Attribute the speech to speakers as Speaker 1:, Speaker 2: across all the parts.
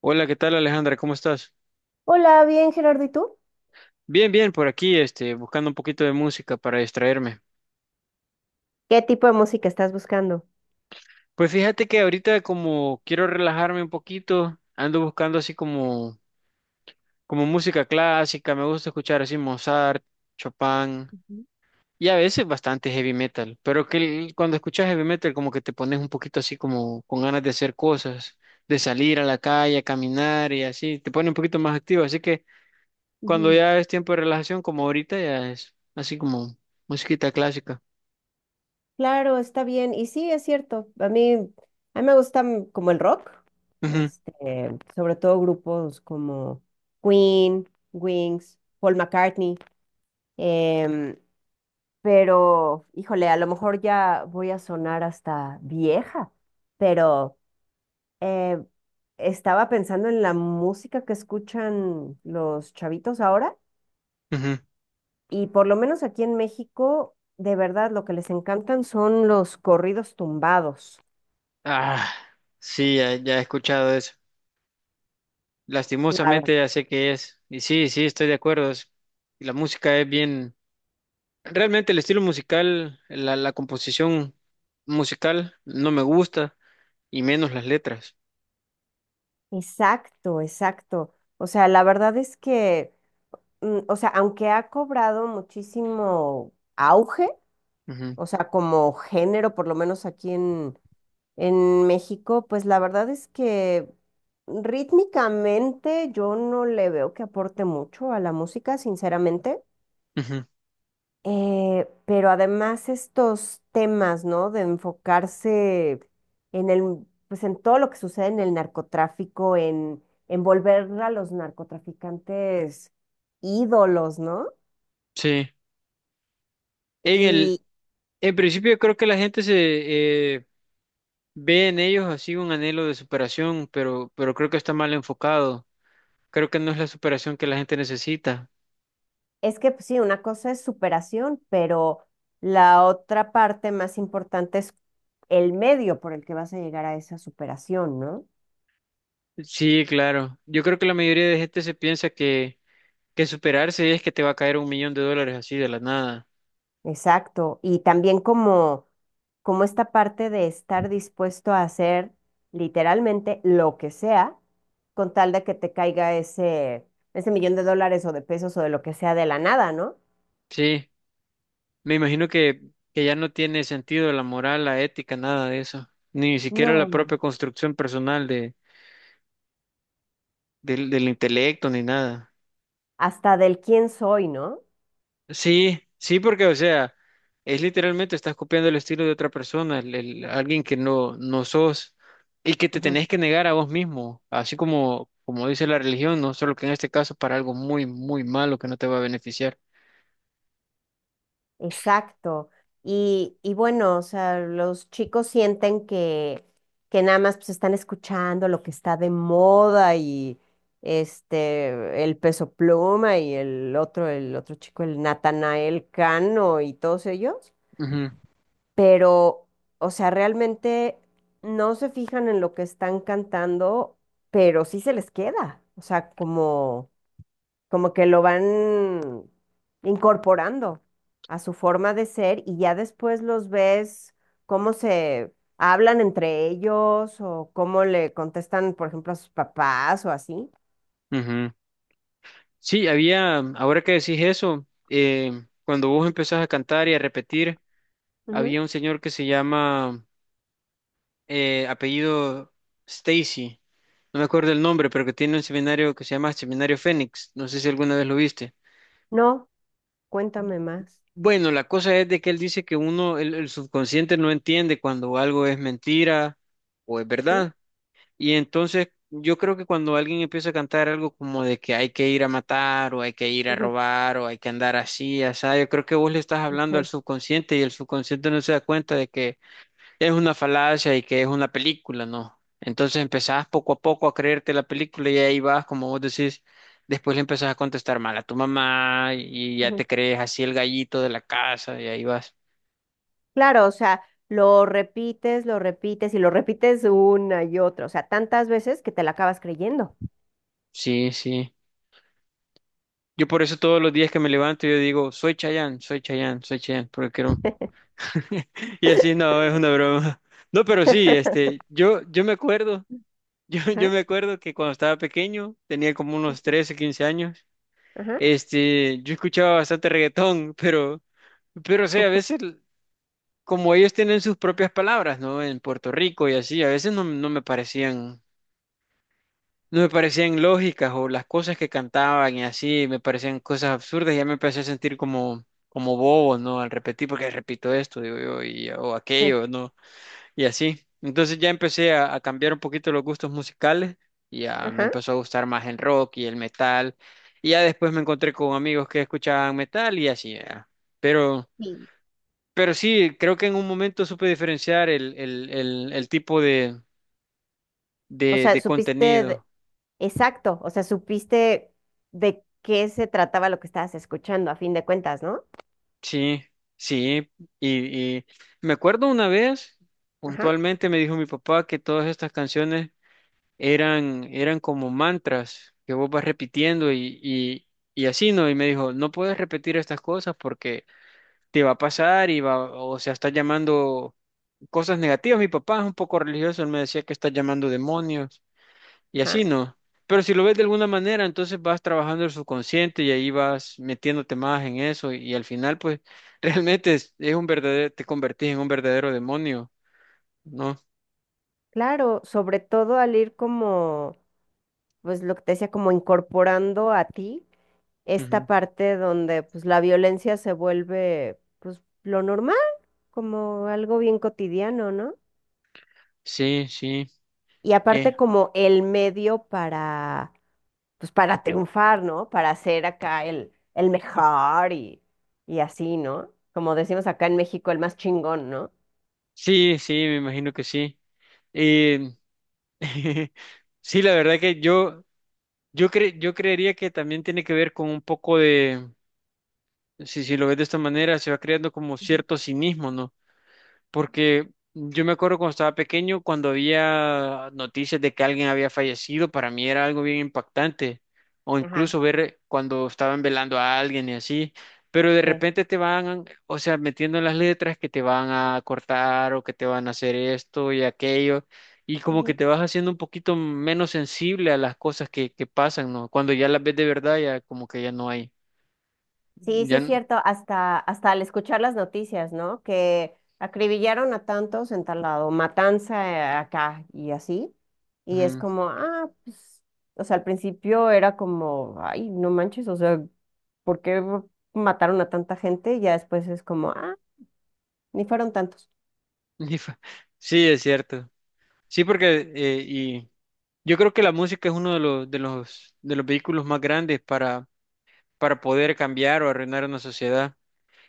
Speaker 1: Hola, ¿qué tal Alejandra? ¿Cómo estás?
Speaker 2: Hola, bien, Gerardo, ¿y tú?
Speaker 1: Bien, bien, por aquí, buscando un poquito de música para distraerme.
Speaker 2: ¿Qué tipo de música estás buscando?
Speaker 1: Pues fíjate que ahorita como quiero relajarme un poquito, ando buscando así como música clásica, me gusta escuchar así Mozart, Chopin y a veces bastante heavy metal, pero cuando escuchas heavy metal como que te pones un poquito así como con ganas de hacer cosas, de salir a la calle, a caminar y así, te pone un poquito más activo, así que cuando
Speaker 2: Ujú.
Speaker 1: ya es tiempo de relajación como ahorita ya es así como musiquita clásica.
Speaker 2: Claro, está bien. Y sí, es cierto. A mí me gusta como el rock,
Speaker 1: Ujú,
Speaker 2: este, sobre todo grupos como Queen, Wings, Paul McCartney. em, pero, híjole, a lo mejor ya voy a sonar hasta vieja, pero eh, estaba pensando en la música que escuchan los chavitos ahora.
Speaker 1: ujú.
Speaker 2: Y por lo menos aquí en México, de verdad, lo que les encantan son los corridos tumbados.
Speaker 1: Ah, sí, ya, ya he escuchado eso.
Speaker 2: La ver-
Speaker 1: Lastimosamente ya sé qué es. Y sí, sí, estoy de acuerdo. La música es bien. Realmente el estilo musical, la composición musical no me gusta y menos las letras.
Speaker 2: Exacto, exacto. O sea, la verdad es que, o sea, aunque ha cobrado muchísimo auge,
Speaker 1: Ujú,
Speaker 2: o sea, como género, por lo menos en México, pues la verdad es que rítmicamente yo no le veo que aporte mucho a la música, sinceramente.
Speaker 1: ujú.
Speaker 2: Pero además estos temas, ¿no? De enfocarse pues en todo lo que sucede en el narcotráfico, en volver a los narcotraficantes ídolos, ¿no?
Speaker 1: Sí. En el,
Speaker 2: Y
Speaker 1: en principio creo que la gente se eh, ve en ellos así un anhelo de superación, pero creo que está mal enfocado. Creo que no es la superación que la gente necesita.
Speaker 2: es que pues, sí, una cosa es superación, pero la otra parte más importante es el medio por el que vas a llegar a esa superación, ¿no?
Speaker 1: Sí, claro. Yo creo que la mayoría de gente se piensa que superarse es que te va a caer un millón de dólares así de la nada.
Speaker 2: Exacto. Y también como esta parte de estar dispuesto a hacer literalmente lo que sea con tal de que te caiga ese millón de dólares o de pesos o de lo que sea de la nada, ¿no?
Speaker 1: Sí, me imagino que ya no tiene sentido la moral, la ética, nada de eso. Ni siquiera la
Speaker 2: No,
Speaker 1: propia construcción personal del intelecto, ni nada.
Speaker 2: hasta del quién soy, ¿no?
Speaker 1: Sí, sí, porque, o sea, es literalmente estás copiando el estilo de otra persona, alguien que no, no sos y que te tenés que negar a vos mismo, así como, como dice la religión, no solo que en este caso para algo muy, muy malo que no te va a beneficiar.
Speaker 2: Exacto. Y bueno, o sea, los chicos sienten que nada más pues están escuchando lo que está de moda y este, el Peso Pluma y el otro chico, el Natanael Cano y todos ellos. Pero, o sea, realmente no se fijan en lo que están cantando, pero sí se les queda. O sea, como que lo van incorporando a su forma de ser y ya después los ves cómo se hablan entre ellos o cómo le contestan, por ejemplo, a sus papás o así.
Speaker 1: Ujú, ujú. Sí, había, ahora que decís eso, cuando vos empezás a cantar y a repetir,
Speaker 2: Ujú.
Speaker 1: había un señor que se llama apellido Stacy, no me acuerdo el nombre, pero que tiene un seminario que se llama Seminario Fénix, no sé si alguna vez lo viste.
Speaker 2: No, cuéntame más.
Speaker 1: Bueno, la cosa es de que él dice que uno, el subconsciente no entiende cuando algo es mentira o es
Speaker 2: Ujú,
Speaker 1: verdad. Y entonces yo creo que cuando alguien empieza a cantar algo como de que hay que ir a matar o hay que ir a
Speaker 2: ujú,
Speaker 1: robar o hay que andar así, así, yo creo que vos le estás hablando al
Speaker 2: ujú.
Speaker 1: subconsciente y el subconsciente no se da cuenta de que es una falacia y que es una película, ¿no? Entonces empezás poco a poco a creerte la película y ahí vas, como vos decís, después le empezás a contestar mal a tu mamá y ya
Speaker 2: Ujú.
Speaker 1: te crees así el gallito de la casa y ahí vas.
Speaker 2: Claro, o sea, lo repites y lo repites una y otra, o sea, tantas veces que te la acabas creyendo.
Speaker 1: Sí, sí. Yo por eso todos los días que me levanto yo digo, soy Chayanne, soy Chayanne, soy Chayanne, porque quiero. Y así no, es una broma. No, pero sí, yo, me acuerdo, yo,
Speaker 2: Ajá,
Speaker 1: me acuerdo que cuando estaba pequeño, tenía como unos 13, 15 años.
Speaker 2: ajá,
Speaker 1: Yo escuchaba bastante reggaetón, pero, o sea, a veces, como ellos tienen sus propias palabras, ¿no? En Puerto Rico y así, a veces no, no me parecían, lógicas o las cosas que cantaban y así, me parecían cosas absurdas y ya me empecé a sentir como bobo, ¿no? Al repetir, porque repito esto, digo yo, y, o
Speaker 2: sí,
Speaker 1: aquello, ¿no? Y así. Entonces ya empecé a cambiar un poquito los gustos musicales. Y ya me
Speaker 2: ajá.
Speaker 1: empezó a gustar más el rock y el metal. Y ya después me encontré con amigos que escuchaban metal y así. Ya. Pero,
Speaker 2: Sí.
Speaker 1: pero sí, creo que en un momento supe diferenciar el tipo
Speaker 2: O sea,
Speaker 1: de
Speaker 2: supiste, de-
Speaker 1: contenido.
Speaker 2: exacto, o sea, supiste de qué se trataba lo que estabas escuchando, a fin de cuentas, ¿no?
Speaker 1: Sí, sí. Y me acuerdo una vez,
Speaker 2: Ajá,
Speaker 1: puntualmente me dijo mi papá que todas estas canciones eran como mantras que vos vas repitiendo y así, ¿no? Y me dijo, no puedes repetir estas cosas porque te va a pasar o sea, estás llamando cosas negativas. Mi papá es un poco religioso, él me decía que estás llamando demonios y así,
Speaker 2: ajá.
Speaker 1: ¿no? Pero si lo ves de alguna manera, entonces vas trabajando el subconsciente y ahí vas metiéndote más en eso y, al final, pues, realmente es un verdadero, te convertís en un verdadero demonio, ¿no?
Speaker 2: Claro, sobre todo al ir pues lo que te decía, como incorporando a ti esta
Speaker 1: Ujú.
Speaker 2: parte donde pues la violencia se vuelve pues lo normal, como algo bien cotidiano, ¿no?
Speaker 1: Sí, sí.
Speaker 2: Y
Speaker 1: Eh,
Speaker 2: aparte como el medio para pues para triunfar, ¿no? Para ser acá el mejor y así, ¿no? Como decimos acá en México, el más chingón, ¿no?
Speaker 1: sí, sí, me imagino que sí. Eh, sí, la verdad que yo, yo creería que también tiene que ver con un poco de, si, lo ves de esta manera, se va creando como
Speaker 2: Ujú.
Speaker 1: cierto cinismo, ¿no? Porque yo me acuerdo cuando estaba pequeño, cuando había noticias de que alguien había fallecido, para mí era algo bien impactante. O
Speaker 2: Ajá,
Speaker 1: incluso ver cuando estaban velando a alguien y así. Pero de
Speaker 2: sí.
Speaker 1: repente te van, o sea, metiendo en las letras que te van a cortar o que te van a hacer esto y aquello. Y como que
Speaker 2: Ujú.
Speaker 1: te vas haciendo un poquito menos sensible a las cosas que pasan, ¿no? Cuando ya las ves de verdad, ya como que ya no hay.
Speaker 2: Sí, sí
Speaker 1: Ya.
Speaker 2: es cierto, hasta al escuchar las noticias, ¿no? Que acribillaron a tantos en tal lado, matanza acá y así. Y es
Speaker 1: Ujú.
Speaker 2: como, ah, pues, o sea, al principio era como, ay, no manches, o sea, ¿por qué mataron a tanta gente? Y ya después es como, ah, ni fueron tantos.
Speaker 1: Sí, es cierto. Sí, porque yo creo que la música es uno de los vehículos más grandes para poder cambiar o arruinar una sociedad.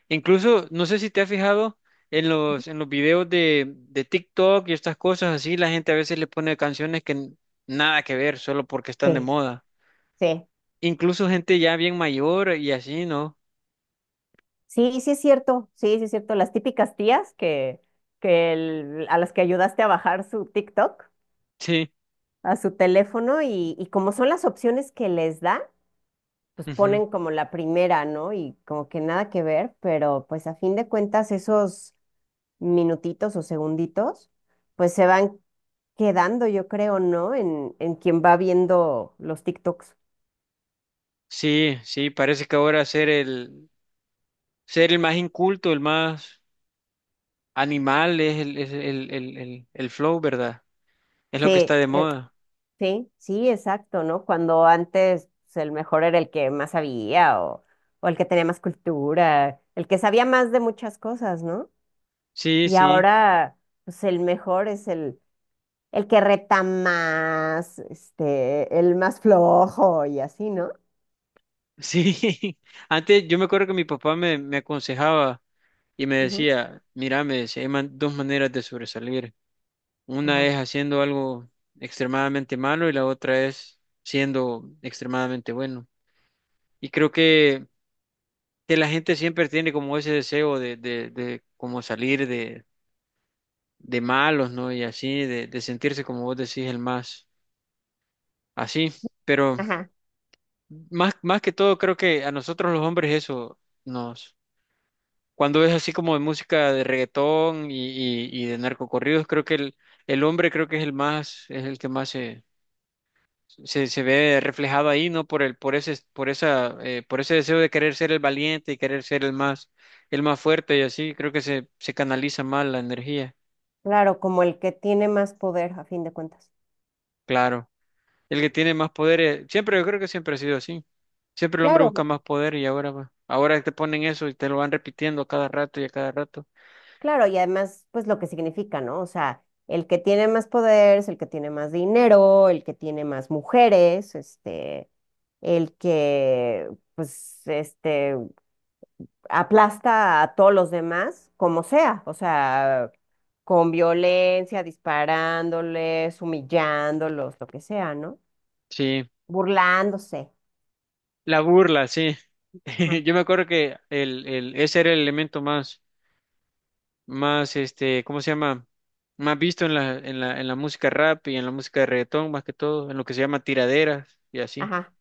Speaker 1: Incluso, no sé si te has fijado en los videos de TikTok y estas cosas así, la gente a veces le pone canciones nada que ver, solo porque están de
Speaker 2: Sí,
Speaker 1: moda.
Speaker 2: sí.
Speaker 1: Incluso gente ya bien mayor y así, ¿no?
Speaker 2: Sí, sí es cierto, sí, sí es cierto. Las típicas tías a las que ayudaste a bajar su TikTok
Speaker 1: Sí,
Speaker 2: a su teléfono y como son las opciones que les da, pues
Speaker 1: ujú.
Speaker 2: ponen como la primera, ¿no? Y como que nada que ver, pero pues a fin de cuentas esos minutitos o segunditos, pues se van quedando, yo creo, ¿no? En quien va viendo los TikToks.
Speaker 1: Sí, sí, parece que ahora ser el más inculto, el más animal es el flow, ¿verdad? Es lo que
Speaker 2: Sí,
Speaker 1: está de moda.
Speaker 2: sí, sí, exacto, ¿no? Cuando antes pues, el mejor era el que más sabía o el que tenía más cultura, el que sabía más de muchas cosas, ¿no?
Speaker 1: Sí,
Speaker 2: Y
Speaker 1: sí,
Speaker 2: ahora, pues el mejor es el que reta más, este, el más flojo y así, ¿no?
Speaker 1: sí. Antes yo me acuerdo que mi papá me aconsejaba y me
Speaker 2: Ujú.
Speaker 1: decía, mira, me decía, hay dos maneras de sobresalir. Una
Speaker 2: Ajá.
Speaker 1: es haciendo algo extremadamente malo y la otra es siendo extremadamente bueno. Y creo que la gente siempre tiene como ese deseo de como salir de malos, ¿no? Y así, de sentirse como vos decís, el más así. Pero
Speaker 2: Ajá,
Speaker 1: más que todo creo que a nosotros los hombres eso nos. Cuando es así como de música de reggaetón y de narcocorridos, creo que el hombre creo que es el más, es el que más se ve reflejado ahí, ¿no? Por el, por ese, por esa, por ese deseo de querer ser el valiente y querer ser el más, fuerte y así, creo que se canaliza más la energía,
Speaker 2: claro, como el que tiene más poder a fin de cuentas.
Speaker 1: claro. El que tiene más poder, siempre, yo creo que siempre ha sido así. Siempre el hombre
Speaker 2: Claro,
Speaker 1: busca más poder y ahora, ahora te ponen eso y te lo van repitiendo a cada rato y a cada rato.
Speaker 2: claro, y además, pues lo que significa, ¿no? O sea, el que tiene más poder es el que tiene más dinero, el que tiene más mujeres, este, el que, pues, este, aplasta a todos los demás, como sea, o sea, con violencia, disparándoles, humillándolos, lo que sea, ¿no?
Speaker 1: Sí.
Speaker 2: Burlándose.
Speaker 1: La burla, sí.
Speaker 2: Ajá,
Speaker 1: Yo me acuerdo que ese era el elemento más, ¿cómo se llama? Más visto en la música rap y en la música de reggaetón, más que todo, en lo que se llama tiraderas y así.
Speaker 2: ajá,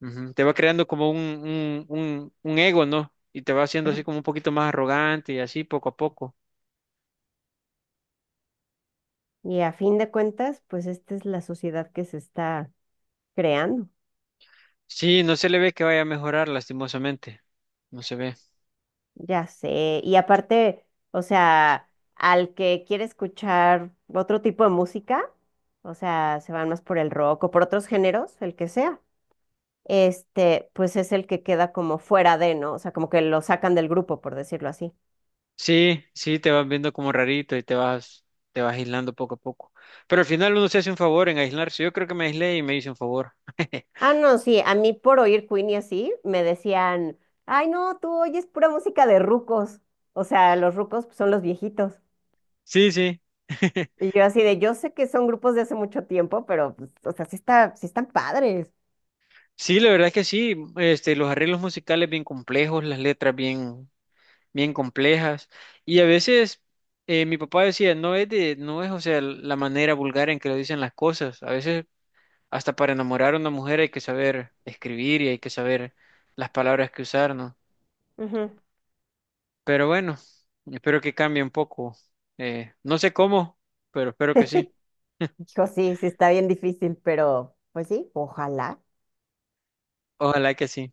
Speaker 1: Ujú. Te va creando como un ego, ¿no? Y te va haciendo
Speaker 2: ajá.
Speaker 1: así como un poquito más arrogante y así poco a poco.
Speaker 2: Y a fin de cuentas, pues esta es la sociedad que se está creando.
Speaker 1: Sí, no se le ve que vaya a mejorar, lastimosamente. No se ve.
Speaker 2: Ya sé, y aparte, o sea, al que quiere escuchar otro tipo de música, o sea, se van más por el rock o por otros géneros, el que sea, este, pues es el que queda como fuera de, ¿no? O sea, como que lo sacan del grupo, por decirlo así.
Speaker 1: Sí, sí, te vas viendo como rarito y te vas aislando poco a poco. Pero al final uno se hace un favor en aislarse. Yo creo que me aislé y me hice un favor.
Speaker 2: Ah, no, sí, a mí por oír Queen y así, me decían, ay, no, tú oyes pura música de rucos. O sea, los rucos pues, son los viejitos.
Speaker 1: Sí, sí.
Speaker 2: Y yo así de, yo sé que son grupos de hace mucho tiempo, pero, pues, o sea, sí están padres.
Speaker 1: Sí, la verdad es que sí. Los arreglos musicales bien complejos, las letras bien, bien complejas. Y a veces mi papá decía, no es de, no es, o sea, la manera vulgar en que lo dicen las cosas. A veces hasta para enamorar a una mujer hay que saber escribir y hay que saber las palabras que usar, ¿no?
Speaker 2: Ujú.
Speaker 1: Pero bueno, espero que cambie un poco. No sé cómo, pero espero que sí.
Speaker 2: Hijo, sí, sí está bien difícil, pero pues sí, ojalá.
Speaker 1: Ojalá que sí.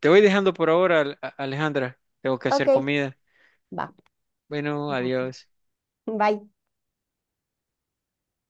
Speaker 1: Te voy dejando por ahora, Alejandra. Tengo que
Speaker 2: Ok,
Speaker 1: hacer comida.
Speaker 2: va.
Speaker 1: Bueno,
Speaker 2: Va.
Speaker 1: adiós.
Speaker 2: Bye.